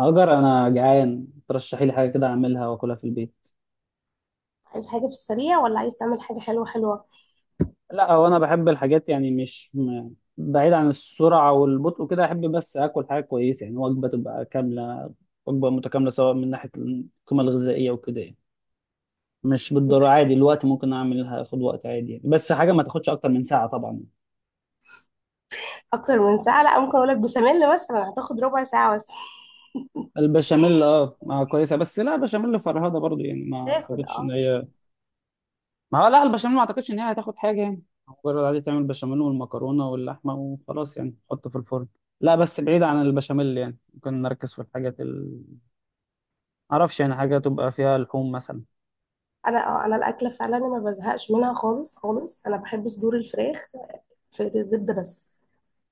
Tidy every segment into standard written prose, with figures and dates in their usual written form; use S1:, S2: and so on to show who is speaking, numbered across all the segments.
S1: هاجر، انا جعان، ترشحي لي حاجه كده اعملها واكلها في البيت.
S2: عايز حاجة في السريع ولا عايز تعمل حاجة حلوة حلوة؟
S1: لا هو انا بحب الحاجات يعني مش م... بعيد عن السرعه والبطء كده، احب بس اكل حاجه كويسه، يعني وجبه تبقى كامله، وجبه متكامله سواء من ناحيه القيمه الغذائيه وكده يعني. مش
S2: طيب،
S1: بالضروره، عادي الوقت ممكن اعملها اخد وقت عادي يعني. بس حاجه ما تاخدش اكتر من ساعه طبعا.
S2: أكتر من ساعة، لا. ممكن أقول لك بشاميل مثلا، هتاخد ربع ساعة بس.
S1: البشاميل اه ما كويسه، بس لا بشاميل فرهده برضو، يعني ما
S2: تاخد
S1: اعتقدش ان
S2: اه.
S1: هي. ما هو لا البشاميل ما اعتقدش ان هي هتاخد حاجه يعني، مجرد عادي تعمل بشاميل والمكرونه واللحمه وخلاص يعني تحطه في الفرن. لا بس بعيد عن البشاميل، يعني ممكن نركز في معرفش يعني حاجه تبقى فيها لحوم مثلا.
S2: أنا الأكلة فعلا ما بزهقش منها خالص خالص. أنا بحب صدور الفراخ في الزبدة بس،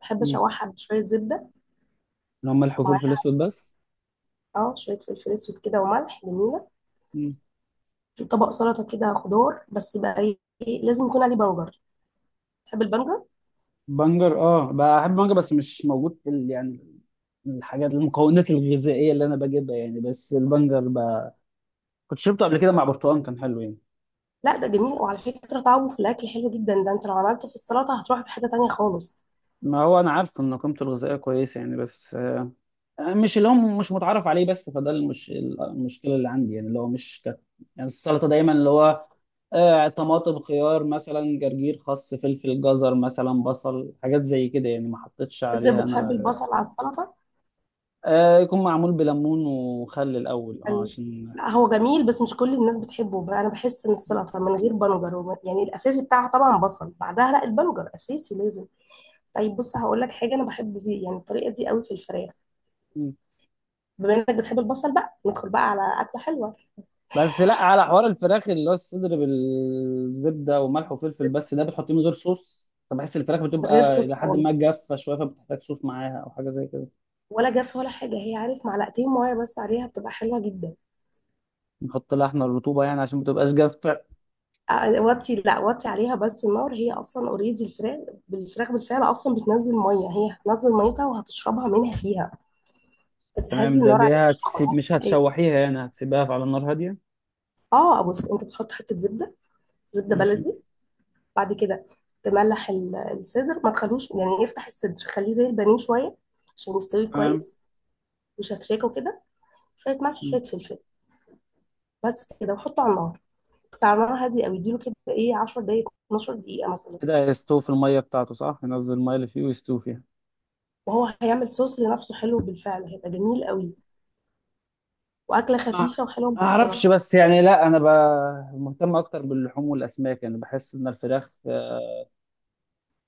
S2: بحب
S1: امم
S2: أشوحها بشوية زبدة،
S1: لو ملح وفلفل
S2: ومعاها
S1: اسود بس.
S2: اه شوية فلفل أسود كده وملح، جميلة.
S1: امم
S2: في طبق سلطة كده خضار بس، يبقى إيه، لازم يكون عليه بنجر. تحب البنجر؟
S1: بنجر اه بحب بنجر، بس مش موجود يعني الحاجات المكونات الغذائيه اللي انا بجيبها، يعني بس كنت شربته قبل كده مع برتقال كان حلو يعني.
S2: لا ده جميل، وعلى فكرة طعمه في الأكل حلو جدا، ده أنت لو عملته في السلطة هتروح في حتة تانية خالص.
S1: ما هو انا عارف ان قيمته الغذائيه كويسه يعني، بس مش اللي هو مش متعرف عليه، بس المشكله اللي عندي يعني اللي هو مش كت... يعني السلطه دايما اللي هو آه طماطم، خيار مثلا، جرجير، خس، فلفل، جزر مثلا، بصل، حاجات زي كده يعني، ما حطيتش
S2: انت
S1: عليها
S2: بتحب
S1: انا.
S2: البصل على السلطه؟
S1: آه، يكون معمول بليمون وخل الاول، اه
S2: ال-
S1: عشان.
S2: لا هو جميل بس مش كل الناس بتحبه بقى، انا بحس ان السلطه من غير بنجر يعني الاساسي بتاعها طبعا بصل، بعدها لا، البنجر اساسي لازم. طيب بص هقول لك حاجه انا بحب فيه، يعني الطريقه دي قوي في الفراخ.
S1: مم.
S2: بما انك بتحب البصل بقى، ندخل بقى على اكله حلوه.
S1: بس لا على حوار الفراخ اللي هو الصدر بالزبده وملح وفلفل بس، ده بتحطيه من غير صوص فبحس الفراخ
S2: من غير
S1: بتبقى
S2: صوص
S1: الى حد
S2: خالص،
S1: ما جافه شويه، فبتحتاج صوص معاها او حاجه زي كده.
S2: ولا جاف ولا حاجه هي، عارف؟ معلقتين ميه بس عليها، بتبقى حلوه جدا.
S1: نحط لها احنا الرطوبة يعني عشان ما تبقاش جافة.
S2: أ- وطي لا وطي عليها بس النار، هي اصلا اوريدي الفراخ، بالفراخ بالفعل اصلا بتنزل ميه، هي هتنزل ميتها وهتشربها منها فيها. بس هدي
S1: تمام، ده
S2: النار،
S1: دي
S2: عليك مش
S1: هتسيب،
S2: هتاخدها.
S1: مش
S2: ايه،
S1: هتشوحيها يعني، هتسيبها على النار هادية.
S2: اه. بص انت بتحط حته زبده، زبده
S1: ماشي.
S2: بلدي. بعد كده تملح الصدر، ما تخلوش، يعني افتح الصدر خليه زي البانيه شويه عشان يستوي
S1: تمام.
S2: كويس، وشكشاكه وكده. شويه ملح
S1: م.
S2: شويه فلفل، بس كده، وحطه على النار. بس على نار هاديه قوي، اديله كده ايه 10 دقائق 12 دقيقه مثلا.
S1: كده هيستوي في المية بتاعته، صح؟ ينزل المية اللي فيه ويستوي فيها.
S2: وهو هيعمل صوص لنفسه حلو بالفعل، هيبقى جميل قوي، واكله
S1: ما
S2: خفيفه وحلوه مع
S1: ما اعرفش
S2: السلطه.
S1: بس يعني، لا انا ب... مهتم اكتر باللحوم والاسماك، يعني بحس ان الفراخ،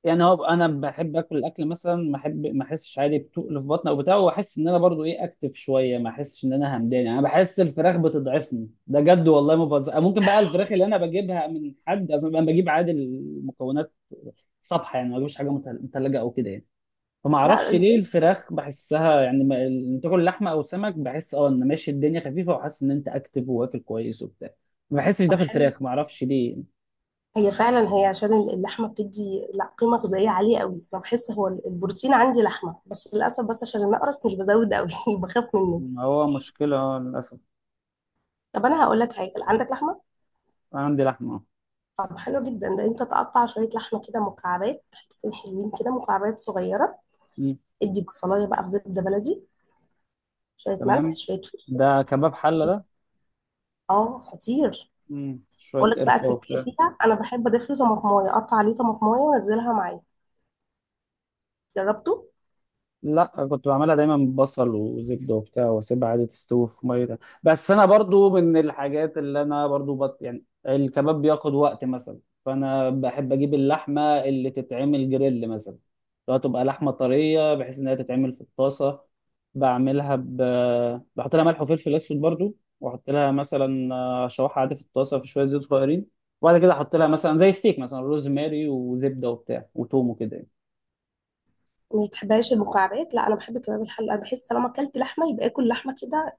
S1: يعني هو انا بحب اكل الاكل مثلا ما احب، ما احسش عادي بتقل في بطني او بتاع، واحس ان انا برضو ايه اكتف شويه، ما احسش ان انا همدان يعني. انا بحس الفراخ بتضعفني، ده جد والله ما بهزر. ممكن بقى الفراخ اللي انا بجيبها من حد اصلا. انا بجيب عادي المكونات صبحه يعني، ما بجيبش حاجه متلجه او كده يعني. فما
S2: لا
S1: اعرفش ليه
S2: ازاي.
S1: الفراخ بحسها يعني، ما إن تاكل لحمه او سمك بحس اه ان ماشي الدنيا خفيفه، وحاسس ان انت اكتف واكل كويس وبتاع، ما بحسش ده
S2: طب
S1: في
S2: حلو.
S1: الفراخ، ما اعرفش ليه.
S2: هي فعلا هي عشان اللحمه بتدي لا قيمه غذائيه عاليه قوي، انا بحس هو البروتين عندي لحمه بس، للاسف. بس عشان انا اقرص مش بزود قوي بخاف منه.
S1: هو مشكله آه، للاسف.
S2: طب انا هقول لك حاجه، عندك لحمه؟
S1: أنا عندي لحمه.
S2: طب حلو جدا، ده انت تقطع شويه لحمه كده مكعبات، حتتين حلوين كده مكعبات صغيره.
S1: آه.
S2: ادي بصلايه بقى في زبده بلدي، شويه ملح
S1: تمام،
S2: شويه فلفل.
S1: ده كباب حلة ده.
S2: اه خطير.
S1: مم. شوية
S2: اقول لك بقى
S1: قرفة
S2: تركيه
S1: وبتاع.
S2: فيها، انا بحب اضيف له طماطمايه، اقطع عليه طماطمايه وانزلها معايا. جربته؟
S1: لا كنت بعملها دايما ببصل وزبده وبتاع واسيبها عادي تستوي في ميه ده. بس انا برضو من الحاجات اللي انا يعني الكباب بياخد وقت مثلا. فانا بحب اجيب اللحمه اللي تتعمل جريل مثلا، لو تبقى لحمه طريه بحيث انها تتعمل في الطاسه. بعملها ب... بحط لها ملح وفلفل اسود برضو، واحط لها مثلا آه، شوحها عادي في الطاسه في شويه زيت صغيرين، وبعد كده احط لها مثلا زي ستيك مثلا روزماري وزبده وبتاع وتوم وكده يعني.
S2: ما بتحبهاش المكعبات؟ لا انا بحب كباب الحله، انا بحس طالما اكلت لحمه يبقى اكل لحمه كده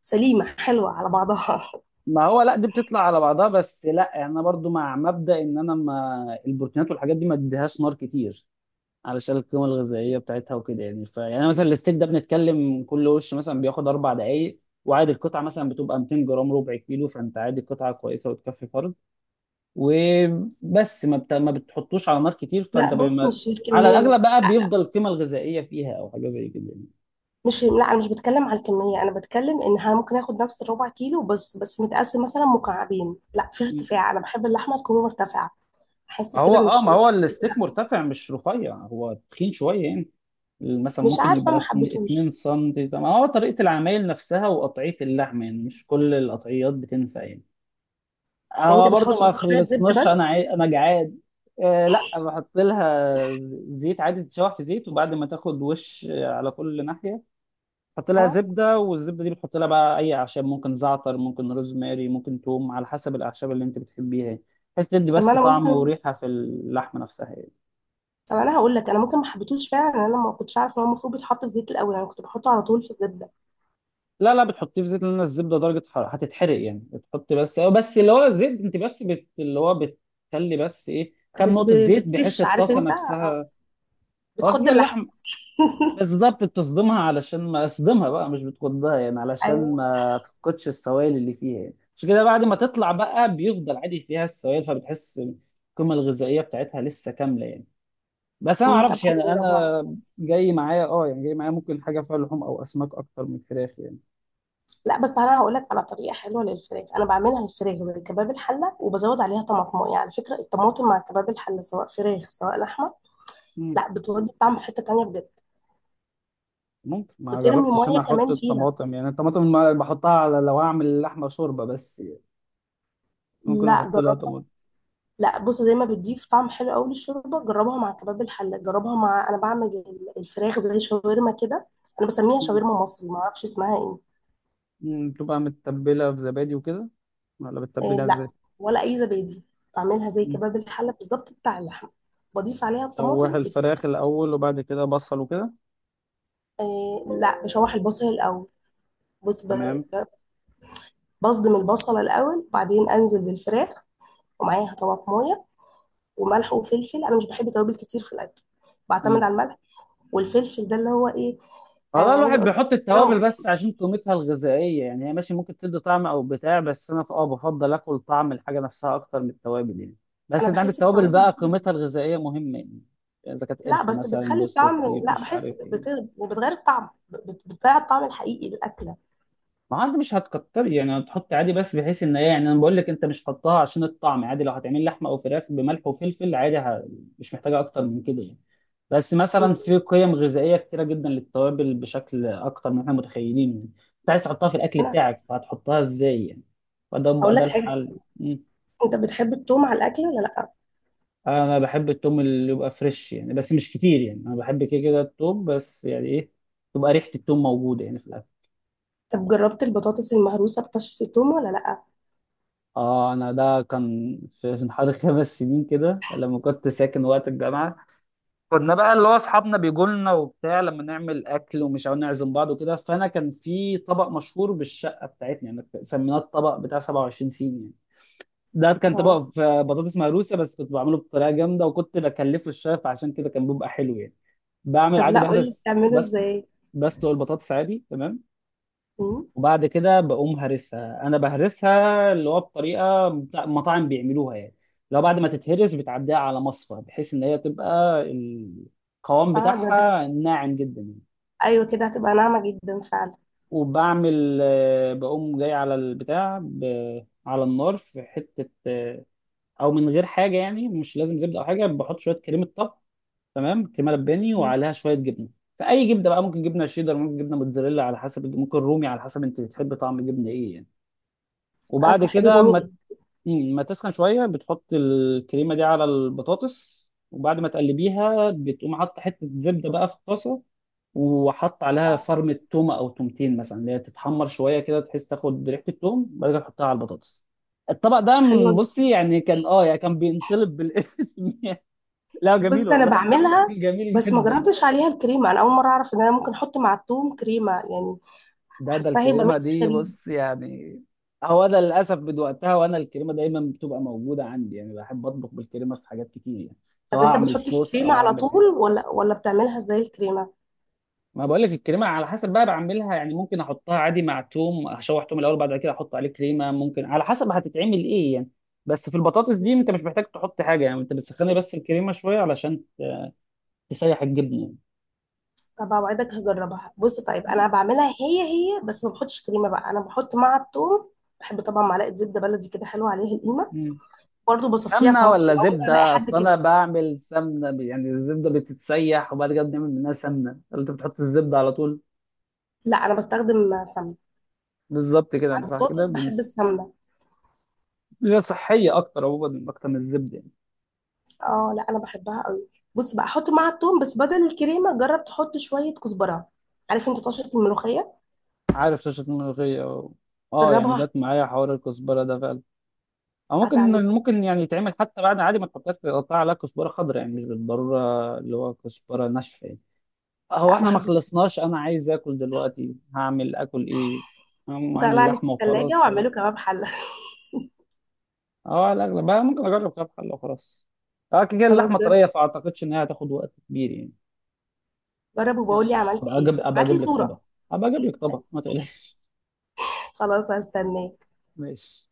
S2: سليمه حلوه على بعضها.
S1: ما هو لا دي بتطلع على بعضها، بس لا انا برضو مع مبدأ ان انا ما البروتينات والحاجات دي ما اديهاش نار كتير، علشان القيمه الغذائيه بتاعتها وكده يعني. فيعني مثلا الستيك ده بنتكلم كل وش مثلا بياخد 4 دقائق، وعادي القطعه مثلا بتبقى 200 جرام ربع كيلو، فانت عادي قطعه كويسه وتكفي فرد. وبس ما بت... ما بتحطوش على نار كتير
S2: لا بص، مش
S1: على
S2: الكميه،
S1: الاغلب بقى
S2: لا لا،
S1: بيفضل القيمه الغذائيه فيها او حاجه زي كده
S2: مش، لا انا مش بتكلم على الكميه، انا بتكلم انها ممكن اخد نفس الربع كيلو بس متقسم مثلا مكعبين، لا في
S1: يعني.
S2: ارتفاع، انا بحب اللحمه تكون مرتفعه، احس
S1: ما هو
S2: كده من
S1: اه ما هو
S2: الشريحه
S1: الستيك
S2: بتاعتها.
S1: مرتفع مش رفيع، هو تخين شويه يعني، مثلا
S2: مش
S1: ممكن
S2: عارفه
S1: يبقى
S2: ما
S1: 2
S2: حبيتهوش.
S1: سم. ده ما هو طريقة العمايل نفسها وقطعية اللحم يعني، مش كل القطعيات بتنفع يعني.
S2: يعني
S1: هو
S2: انت بتحط
S1: برضو ما
S2: شويه زبده
S1: خلصناش،
S2: بس؟
S1: انا جعان. آه لا بحط لها زيت، عادي تتشوح في زيت، وبعد ما تاخد وش على كل ناحية حط لها
S2: اه.
S1: زبدة، والزبدة دي بتحط لها بقى اي اعشاب، ممكن زعتر، ممكن روزماري، ممكن توم، على حسب الاعشاب اللي انت بتحبيها يعني، بحيث تدي
S2: طب ما
S1: بس
S2: انا
S1: طعم
S2: ممكن،
S1: وريحة في اللحمة نفسها يعني.
S2: طب انا هقول لك، انا ممكن ما حبيتهوش فعلا، انا ما كنتش عارفه ان هو المفروض بيتحط في زيت الاول، انا كنت بحطه على طول في الزبده.
S1: لا لا بتحطيه في زيت، لان الزبده درجه حراره هتتحرق يعني. بتحط بس بس اللي هو الزيت، انت اللي هو بتخلي بس ايه كام نقطه زيت بحيث
S2: بتكش، عارف
S1: الطاسه
S2: انت؟ آه،
S1: نفسها هو
S2: بتخض
S1: كده
S2: اللحمه.
S1: اللحم بالظبط بتصدمها، علشان ما اصدمها بقى مش بتكدها يعني، علشان
S2: ايوه.
S1: ما تفقدش السوائل اللي فيها يعني. مش كده؟ بعد ما تطلع بقى بيفضل عادي فيها السوائل، فبتحس القيمه الغذائيه بتاعتها لسه كامله يعني. بس انا ما
S2: أمم، طب
S1: اعرفش يعني،
S2: هجربها.
S1: انا جاي معايا اه يعني، جاي معايا ممكن حاجه فيها لحوم او اسماك اكتر من فراخ
S2: لا بس انا هقول لك على طريقه حلوه للفراخ، انا بعملها الفراخ زي كباب الحله وبزود عليها طماطم، يعني على فكره الطماطم مع كباب الحله، سواء فراخ سواء لحمه،
S1: يعني.
S2: لا بتودي الطعم في حته تانية بجد.
S1: ممكن، ما
S2: بترمي
S1: جربتش
S2: ميه
S1: انا احط
S2: كمان فيها؟
S1: الطماطم يعني. الطماطم ما بحطها على لو اعمل لحمه شوربه بس يعني. ممكن
S2: لا
S1: احط لها
S2: جربها.
S1: طماطم.
S2: لا بص زي ما بتضيف طعم حلو قوي للشوربه، جربها مع كباب الحله، جربها مع، انا بعمل الفراخ زي شاورما كده، انا بسميها
S1: مم.
S2: شاورما مصري، ما اعرفش اسمها ايه.
S1: مم. بتبقى متبله في زبادي وكده ولا
S2: آه
S1: بتتبلها ازاي؟
S2: لا، ولا اي زبادي، بعملها زي
S1: مم.
S2: كباب الحله بالظبط بتاع اللحمه. بضيف عليها
S1: شوح
S2: الطماطم بت...
S1: الفراخ الاول وبعد كده بصل وكده.
S2: آه لا، بشوح البصل الاول. بص ب...
S1: تمام.
S2: ب- بصدم البصله الاول، وبعدين انزل بالفراخ ومعاها طماطمايه وملح وفلفل. انا مش بحب توابل كتير في الاكل، بعتمد
S1: مم.
S2: على الملح والفلفل. ده اللي هو ايه،
S1: والله
S2: يعني عايزه
S1: الواحد
S2: اقول
S1: بيحط
S2: برام.
S1: التوابل بس عشان قيمتها الغذائيه يعني. هي ماشي ممكن تدي طعم او بتاع، بس انا اه بفضل اكل طعم الحاجه نفسها اكتر من التوابل يعني.
S2: انا
S1: بس انت عندك
S2: بحس
S1: التوابل بقى
S2: التوابل،
S1: قيمتها الغذائيه مهمه يعني، اذا كانت
S2: لا
S1: قرفه
S2: بس
S1: مثلا،
S2: بتخلي
S1: جوزة
S2: الطعم،
S1: الطيب،
S2: لا
S1: مش
S2: بحس
S1: عارف
S2: بت...
S1: ايه.
S2: وبتغير الطعم، بتضيع الطعم الحقيقي للاكله.
S1: ما عاد مش هتكتري يعني، هتحط عادي بس بحيث ان ايه يعني. انا بقول لك، انت مش حطها عشان الطعم. عادي لو هتعمل لحمه او فراخ بملح وفلفل عادي ه... مش محتاجه اكتر من كده يعني. بس مثلا في قيم غذائيه كتيره جدا للتوابل بشكل اكتر من احنا متخيلين يعني، انت عايز تحطها في الاكل
S2: انا
S1: بتاعك، فهتحطها ازاي يعني. فده بقى
S2: هقول
S1: ده
S2: لك حاجه،
S1: الحل. مم.
S2: انت بتحب التوم على الاكل ولا لا؟
S1: انا بحب التوم اللي يبقى فريش يعني، بس مش كتير يعني. انا بحب كده كده التوم بس يعني ايه، تبقى ريحه التوم موجوده يعني في.
S2: طب جربت البطاطس المهروسه بطشة التوم ولا لا؟
S1: اه انا ده كان في حوالي 5 سنين كده، لما كنت ساكن وقت الجامعه، كنا بقى اللي هو اصحابنا بيجوا لنا وبتاع لما نعمل اكل ومش عاوزين نعزم بعض وكده، فانا كان في طبق مشهور بالشقه بتاعتنا يعني، سميناه الطبق بتاع 27 سين يعني. ده كان
S2: اه.
S1: طبق في بطاطس مهروسه بس كنت بعمله بطريقه جامده، وكنت بكلفه الشيف عشان كده كان بيبقى حلو يعني. بعمل
S2: طب
S1: عادي
S2: لا قولي
S1: بهرس
S2: بتعمله
S1: بس.
S2: ازاي.
S1: بسلق البطاطس عادي، تمام.
S2: مم.
S1: وبعد كده بقوم هرسها، انا بهرسها اللي هو مطاعم بيعملوها يعني. لو بعد ما تتهرس بتعديها على مصفى بحيث ان هي تبقى القوام
S2: اه
S1: بتاعها ناعم جدا يعني.
S2: ايوه كده هتبقى ناعمه جدا فعلا.
S1: وبعمل آه، بقوم جاي على البتاع ب- على النار في حته آه، او من غير حاجه يعني، مش لازم زبده او حاجه، بحط شويه كريمه طبخ، تمام كريمه لباني،
S2: مم.
S1: وعليها شويه جبنه. فاي جبنه بقى، ممكن جبنه شيدر، ممكن جبنه موتزاريلا، على حسب، ممكن رومي، على حسب انت بتحب طعم الجبنه ايه يعني.
S2: انا
S1: وبعد
S2: بحب
S1: كده
S2: الرومي جدا.
S1: مم، ما تسخن شويه بتحط الكريمه دي على البطاطس. وبعد ما تقلبيها بتقوم حاطه حته زبده بقى في الطاسه، وحط عليها فرمه تومه او تومتين مثلا، اللي هي تتحمر شويه كده بحيث تاخد ريحه التوم، بعد كده تحطها على البطاطس. الطبق ده
S2: حلوه جدا،
S1: بصي يعني كان اه يعني كان بينطلب بالاسم لا جميل
S2: بص انا
S1: والله.
S2: بعملها،
S1: جميل
S2: بس ما
S1: جدا.
S2: جربتش عليها الكريمه، انا اول مره اعرف ان انا ممكن احط مع التوم كريمه يعني،
S1: ده
S2: حاساها هيبقى
S1: الكريمة
S2: ميكس
S1: دي
S2: غريب.
S1: بص يعني. هو أنا للأسف من وقتها وأنا الكريمة دايما بتبقى موجودة عندي يعني، بحب أطبخ بالكريمة في حاجات كتير يعني، سواء
S2: طب انت
S1: أعمل
S2: بتحط
S1: صوص
S2: الكريمه
S1: أو
S2: على
S1: أعمل
S2: طول
S1: حاجة.
S2: ولا بتعملها ازاي الكريمه؟
S1: ما بقول لك الكريمة على حسب بقى بعملها يعني. ممكن أحطها عادي مع توم، أشوح توم الأول بعد كده أحط عليه كريمة، ممكن على حسب هتتعمل إيه يعني. بس في البطاطس دي أنت مش محتاج تحط حاجة يعني، أنت بتسخني بس الكريمة شوية علشان تسيح الجبنة.
S2: طب اوعدك هجربها. بص طيب انا بعملها هي هي، بس ما بحطش كريمه بقى، انا بحط مع الثوم، بحب طبعا معلقه زبده بلدي كده حلوه عليها، القيمه
S1: يعني
S2: برضو، بصفيها في
S1: سمنة
S2: مصر،
S1: ولا
S2: اول ما الاقي
S1: زبدة؟
S2: حد
S1: أصل
S2: كده.
S1: أنا بعمل يعني الزبدة بتتسيح وبعد كده بنعمل منها سمنة، ولا أنت بتحط الزبدة على طول؟
S2: لا انا بستخدم سمنه
S1: بالظبط
S2: مع
S1: كده، صح كده
S2: البطاطس، بحب السمنه.
S1: هي صحية أكتر عموما، أكتر من الزبدة يعني.
S2: اه لا انا بحبها قوي. بص بقى، احط مع الثوم، بس بدل الكريمه، جرب تحط شويه كزبره، عارف انت طشه الملوخيه؟
S1: عارف شاشة أه يعني
S2: جربها
S1: جت معايا حوار الكزبرة ده فعلا. أو ممكن
S2: هتعجبك.
S1: ممكن يعني يتعمل حتى بعد عادي ما تحطهاش، تقطع عليها كزبرة خضراء، يعني مش بالضرورة اللي هو كزبرة ناشفة يعني. هو
S2: لا ما
S1: إحنا ما
S2: حبيتهاش.
S1: خلصناش، أنا عايز آكل دلوقتي، هعمل آكل إيه؟
S2: قوم
S1: هعمل
S2: طلع لي في
S1: لحمة
S2: الثلاجه
S1: وخلاص ولا؟
S2: واعمله كباب حله.
S1: اه على الاغلب بقى ممكن اجرب كام حله وخلاص. اه كده كده
S2: خلاص،
S1: اللحمه
S2: جرب،
S1: طريه فاعتقدش ان هي هتاخد وقت كبير يعني.
S2: جرب وبقول
S1: يلا
S2: لي
S1: بقى،
S2: عملت
S1: ابقى
S2: ايه،
S1: اجيب ابقى
S2: ابعت لي
S1: اجيب لك طبق،
S2: صوره.
S1: ابقى اجيب لك طبق ما تقلقش.
S2: خلاص هستناك.
S1: ماشي.